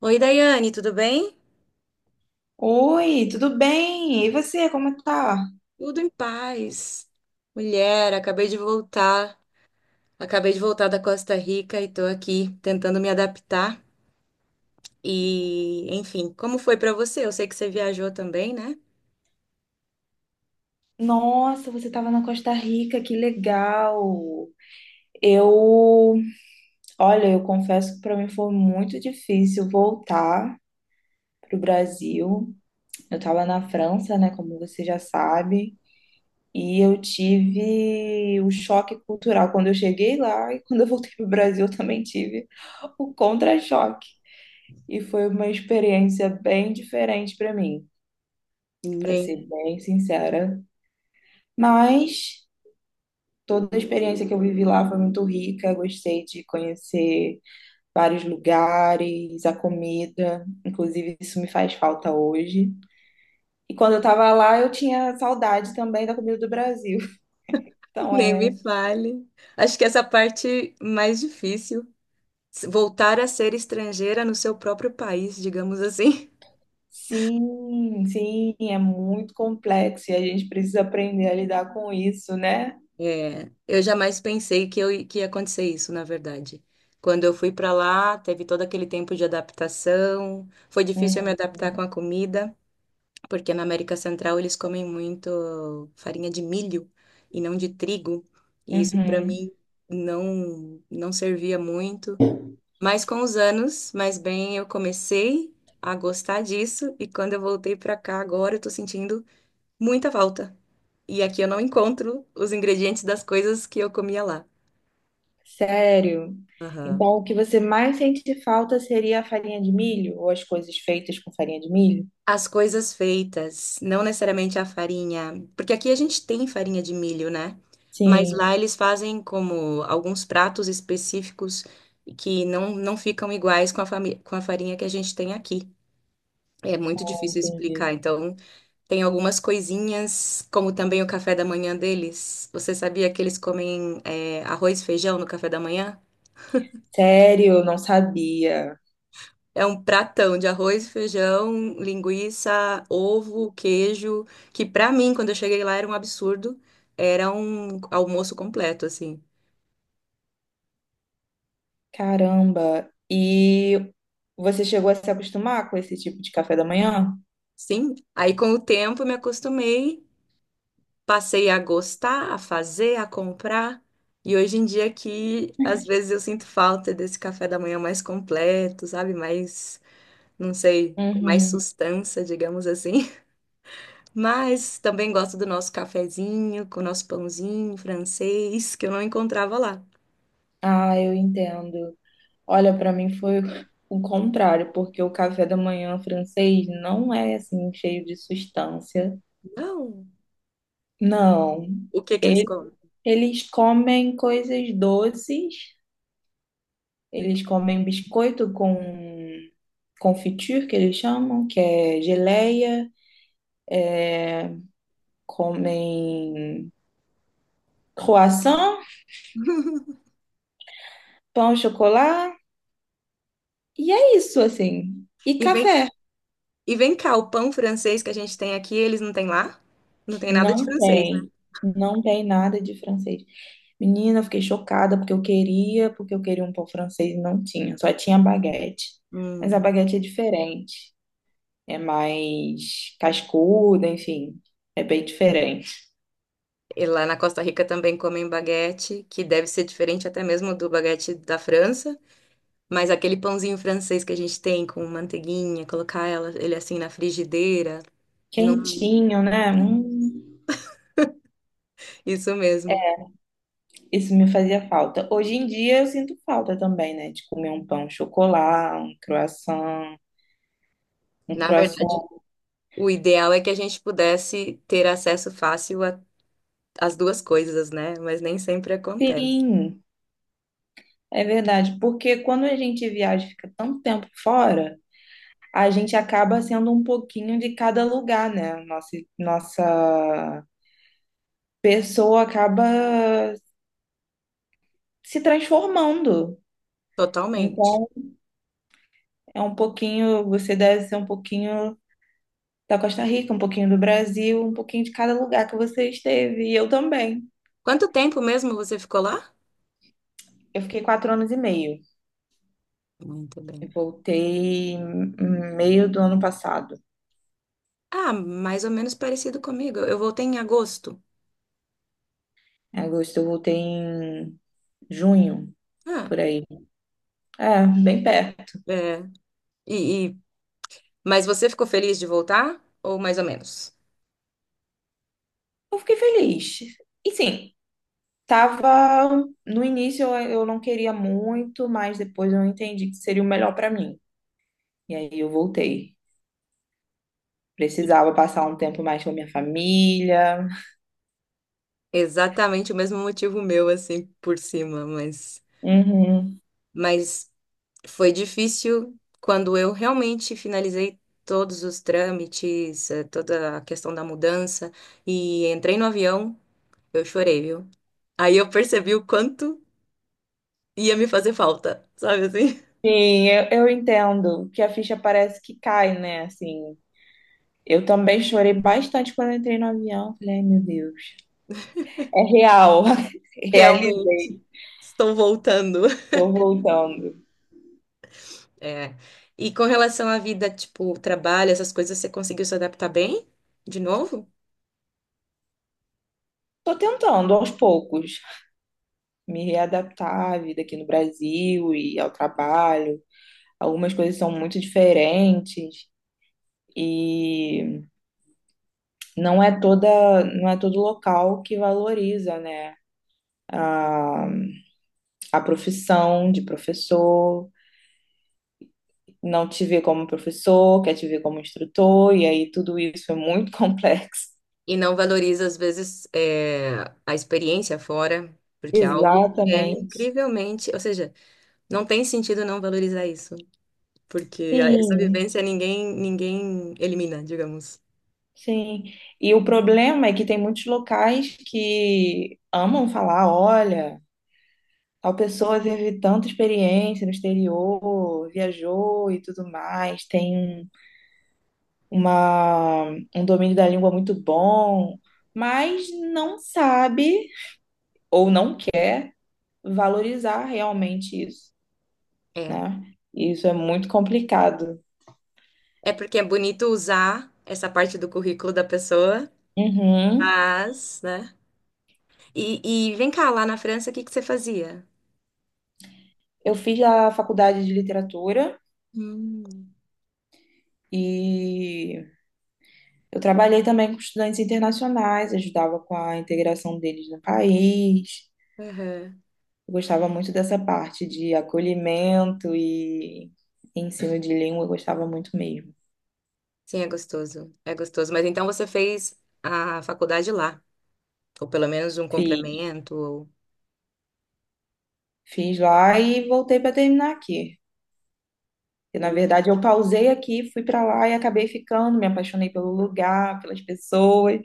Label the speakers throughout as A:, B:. A: Oi, Daiane, tudo bem?
B: Oi, tudo bem? E você, como tá?
A: Tudo em paz. Mulher, acabei de voltar. Acabei de voltar da Costa Rica e tô aqui tentando me adaptar. E, enfim, como foi pra você? Eu sei que você viajou também, né?
B: Nossa, você estava na Costa Rica, que legal! Eu, olha, eu confesso que para mim foi muito difícil voltar pro Brasil. Eu estava na França, né, como você já sabe, e eu tive o choque cultural quando eu cheguei lá e quando eu voltei pro Brasil eu também tive o contra-choque. E foi uma experiência bem diferente para mim, para
A: Nem,
B: ser bem sincera. Mas toda a experiência que eu vivi lá foi muito rica. Gostei de conhecer vários lugares, a comida. Inclusive, isso me faz falta hoje. E quando eu estava lá, eu tinha saudade também da comida do Brasil. Então,
A: nem me fale. Acho que essa parte mais difícil, voltar a ser estrangeira no seu próprio país, digamos assim.
B: sim, sim, é muito complexo e a gente precisa aprender a lidar com isso, né?
A: É, eu jamais pensei que, que ia acontecer isso, na verdade. Quando eu fui para lá, teve todo aquele tempo de adaptação. Foi difícil eu me
B: Uhum,
A: adaptar com a comida, porque na América Central eles comem muito farinha de milho e não de trigo. E isso para
B: uhum.
A: mim não servia muito. Mas com os anos, mais bem, eu comecei a gostar disso e quando eu voltei para cá agora, eu tô sentindo muita falta. E aqui eu não encontro os ingredientes das coisas que eu comia lá.
B: Sério.
A: Aham.
B: Então, o que você mais sente falta seria a farinha de milho ou as coisas feitas com farinha de milho?
A: As coisas feitas, não necessariamente a farinha, porque aqui a gente tem farinha de milho, né? Mas
B: Sim,
A: lá eles fazem como alguns pratos específicos que não, não ficam iguais com com a farinha que a gente tem aqui. É muito difícil
B: entendi.
A: explicar. Então, tem algumas coisinhas, como também o café da manhã deles. Você sabia que eles comem, arroz e feijão no café da manhã?
B: Sério, não sabia.
A: É um pratão de arroz, feijão, linguiça, ovo, queijo, que pra mim, quando eu cheguei lá, era um absurdo. Era um almoço completo, assim.
B: Caramba. E você chegou a se acostumar com esse tipo de café da manhã?
A: Sim, aí com o tempo eu me acostumei, passei a gostar, a fazer, a comprar. E hoje em dia aqui, às vezes eu sinto falta desse café da manhã mais completo, sabe? Mais, não sei, com mais
B: Uhum.
A: sustância, digamos assim. Mas também gosto do nosso cafezinho, com o nosso pãozinho francês, que eu não encontrava lá.
B: Ah, eu entendo. Olha, para mim foi o contrário, porque o café da manhã francês não é assim cheio de substância.
A: Não.
B: Não.
A: O que que eles
B: Ele-
A: comem?
B: Eles comem coisas doces, eles comem biscoito com confiture, que eles chamam, que é geleia, comem croissant, pão, chocolate. E é isso, assim. E
A: E vem,
B: café.
A: e vem cá, o pão francês que a gente tem aqui, eles não têm lá? Não tem nada de
B: Não
A: francês, né?
B: tem. Não tem nada de francês. Menina, eu fiquei chocada porque eu queria um pão francês e não tinha. Só tinha baguete. Mas a
A: Hum.
B: baguete é diferente. É mais cascuda, enfim. É bem diferente.
A: E lá na Costa Rica também comem baguete, que deve ser diferente até mesmo do baguete da França, mas aquele pãozinho francês que a gente tem com manteiguinha, colocar ela, ele assim na frigideira, não,
B: Quentinho, né?
A: isso mesmo.
B: Isso me fazia falta. Hoje em dia eu sinto falta também, né? De comer um pão chocolate, um croissant. Um
A: Na verdade,
B: croissant.
A: o ideal é que a gente pudesse ter acesso fácil às duas coisas, né? Mas nem sempre acontece.
B: Sim. É verdade, porque quando a gente viaja e fica tanto tempo fora, a gente acaba sendo um pouquinho de cada lugar, né? Nossa, nossa pessoa acaba se transformando.
A: Totalmente.
B: Então, é um pouquinho, você deve ser um pouquinho da Costa Rica, um pouquinho do Brasil, um pouquinho de cada lugar que você esteve. E eu também.
A: Quanto tempo mesmo você ficou lá?
B: Eu fiquei quatro anos e meio.
A: Muito
B: Eu
A: bem.
B: voltei em meio do ano passado.
A: Ah, mais ou menos parecido comigo. Eu voltei em agosto.
B: Em agosto, eu voltei em junho,
A: Ah,
B: por aí. É, bem perto.
A: é. E, e- Mas você ficou feliz de voltar? Ou mais ou menos?
B: Eu fiquei feliz. E sim, tava. No início eu não queria muito, mas depois eu entendi que seria o melhor pra mim. E aí eu voltei. Precisava passar um tempo mais com a minha família.
A: Exatamente o mesmo motivo meu, assim, por cima, mas.
B: Uhum.
A: Mas foi difícil quando eu realmente finalizei todos os trâmites, toda a questão da mudança e entrei no avião, eu chorei, viu? Aí eu percebi o quanto ia me fazer falta, sabe assim?
B: Sim, eu entendo que a ficha parece que cai, né? Assim, eu também chorei bastante quando eu entrei no avião. Falei, ai, meu Deus. É real.
A: Realmente,
B: Realizei.
A: estou voltando.
B: Tô voltando.
A: É. E com relação à vida, tipo, trabalho, essas coisas, você conseguiu se adaptar bem de novo?
B: Tô tentando aos poucos me readaptar à vida aqui no Brasil e ao trabalho. Algumas coisas são muito diferentes e não é todo local que valoriza, né? A, a profissão de professor, não te vê como professor, quer te ver como instrutor, e aí tudo isso é muito complexo.
A: E não valoriza, às vezes, a experiência fora, porque é algo que é
B: Exatamente.
A: incrivelmente. Ou seja, não tem sentido não valorizar isso, porque essa
B: Sim,
A: vivência ninguém elimina, digamos.
B: sim. E o problema é que tem muitos locais que amam falar, olha, tal pessoa teve tanta experiência no exterior, viajou e tudo mais, tem uma, um domínio da língua muito bom, mas não sabe ou não quer valorizar realmente isso,
A: É.
B: né? E isso é muito complicado.
A: É porque é bonito usar essa parte do currículo da pessoa,
B: Uhum.
A: mas, né? E vem cá, lá na França, o que que você fazia?
B: Eu fiz a faculdade de literatura
A: Hum.
B: e eu trabalhei também com estudantes internacionais, ajudava com a integração deles no país.
A: Aham.
B: Eu gostava muito dessa parte de acolhimento e ensino de língua, eu gostava muito mesmo.
A: Sim, é gostoso. É gostoso. Mas então você fez a faculdade lá, ou pelo menos um
B: Fiz,
A: complemento.
B: fiz lá e voltei para terminar aqui. E, na verdade, eu pausei aqui, fui para lá e acabei ficando, me apaixonei pelo lugar, pelas pessoas.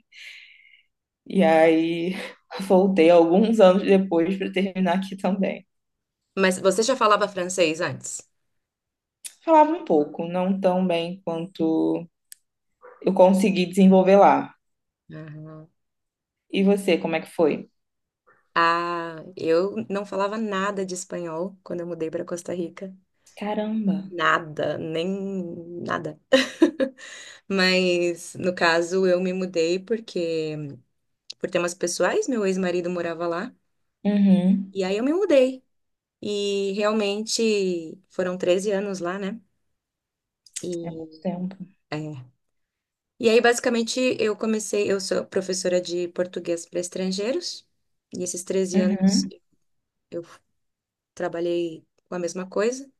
B: E aí voltei alguns anos depois para terminar aqui também.
A: Mas você já falava francês antes?
B: Falava um pouco, não tão bem quanto eu consegui desenvolver lá.
A: Aham.
B: E você, como é que foi?
A: Ah, eu não falava nada de espanhol quando eu mudei para Costa Rica.
B: Caramba.
A: Nada, nem nada. Mas, no caso, eu me mudei porque, por temas pessoais, meu ex-marido morava lá.
B: Uhum.
A: E aí eu me mudei. E realmente foram 13 anos lá, né? E,
B: É muito tempo.
A: é. E aí, basicamente, eu comecei. Eu sou professora de português para estrangeiros. E esses 13 anos
B: Uhum.
A: eu trabalhei com a mesma coisa.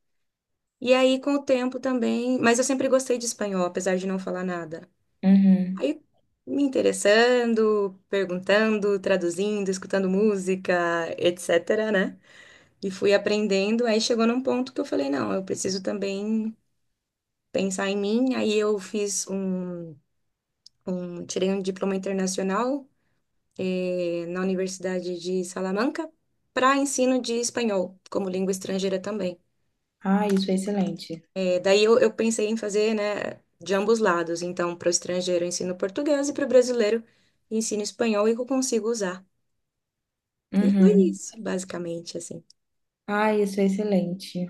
A: E aí, com o tempo também. Mas eu sempre gostei de espanhol, apesar de não falar nada.
B: Uhum.
A: Aí, me interessando, perguntando, traduzindo, escutando música, etc, né? E fui aprendendo. Aí chegou num ponto que eu falei: não, eu preciso também pensar em mim. Aí, eu fiz um. Um- Tirei um diploma internacional, na Universidade de Salamanca, para ensino de espanhol, como língua estrangeira também.
B: Ah, isso é excelente.
A: É, daí eu pensei em fazer, né, de ambos lados. Então, para o estrangeiro eu ensino português e para o brasileiro eu ensino espanhol e que eu consigo usar. E foi
B: Uhum.
A: isso, basicamente, assim.
B: Ah, isso é excelente.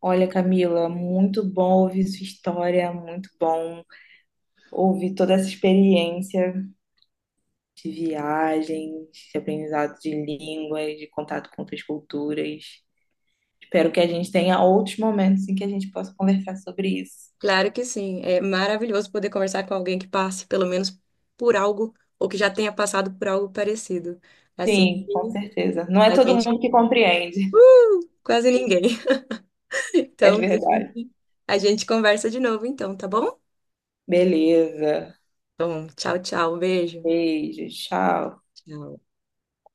B: Olha, Camila, muito bom ouvir sua história, muito bom ouvir toda essa experiência de viagem, de aprendizado de línguas, de contato com outras culturas. Espero que a gente tenha outros momentos em que a gente possa conversar sobre isso.
A: Claro que sim, é maravilhoso poder conversar com alguém que passe pelo menos por algo ou que já tenha passado por algo parecido. Assim,
B: Sim, com certeza. Não é
A: a
B: todo
A: gente
B: mundo que compreende,
A: quase ninguém.
B: é
A: Então,
B: verdade.
A: a gente conversa de novo, então, tá bom?
B: Beleza.
A: Bom, tchau, tchau, beijo.
B: Beijo, tchau.
A: Tchau.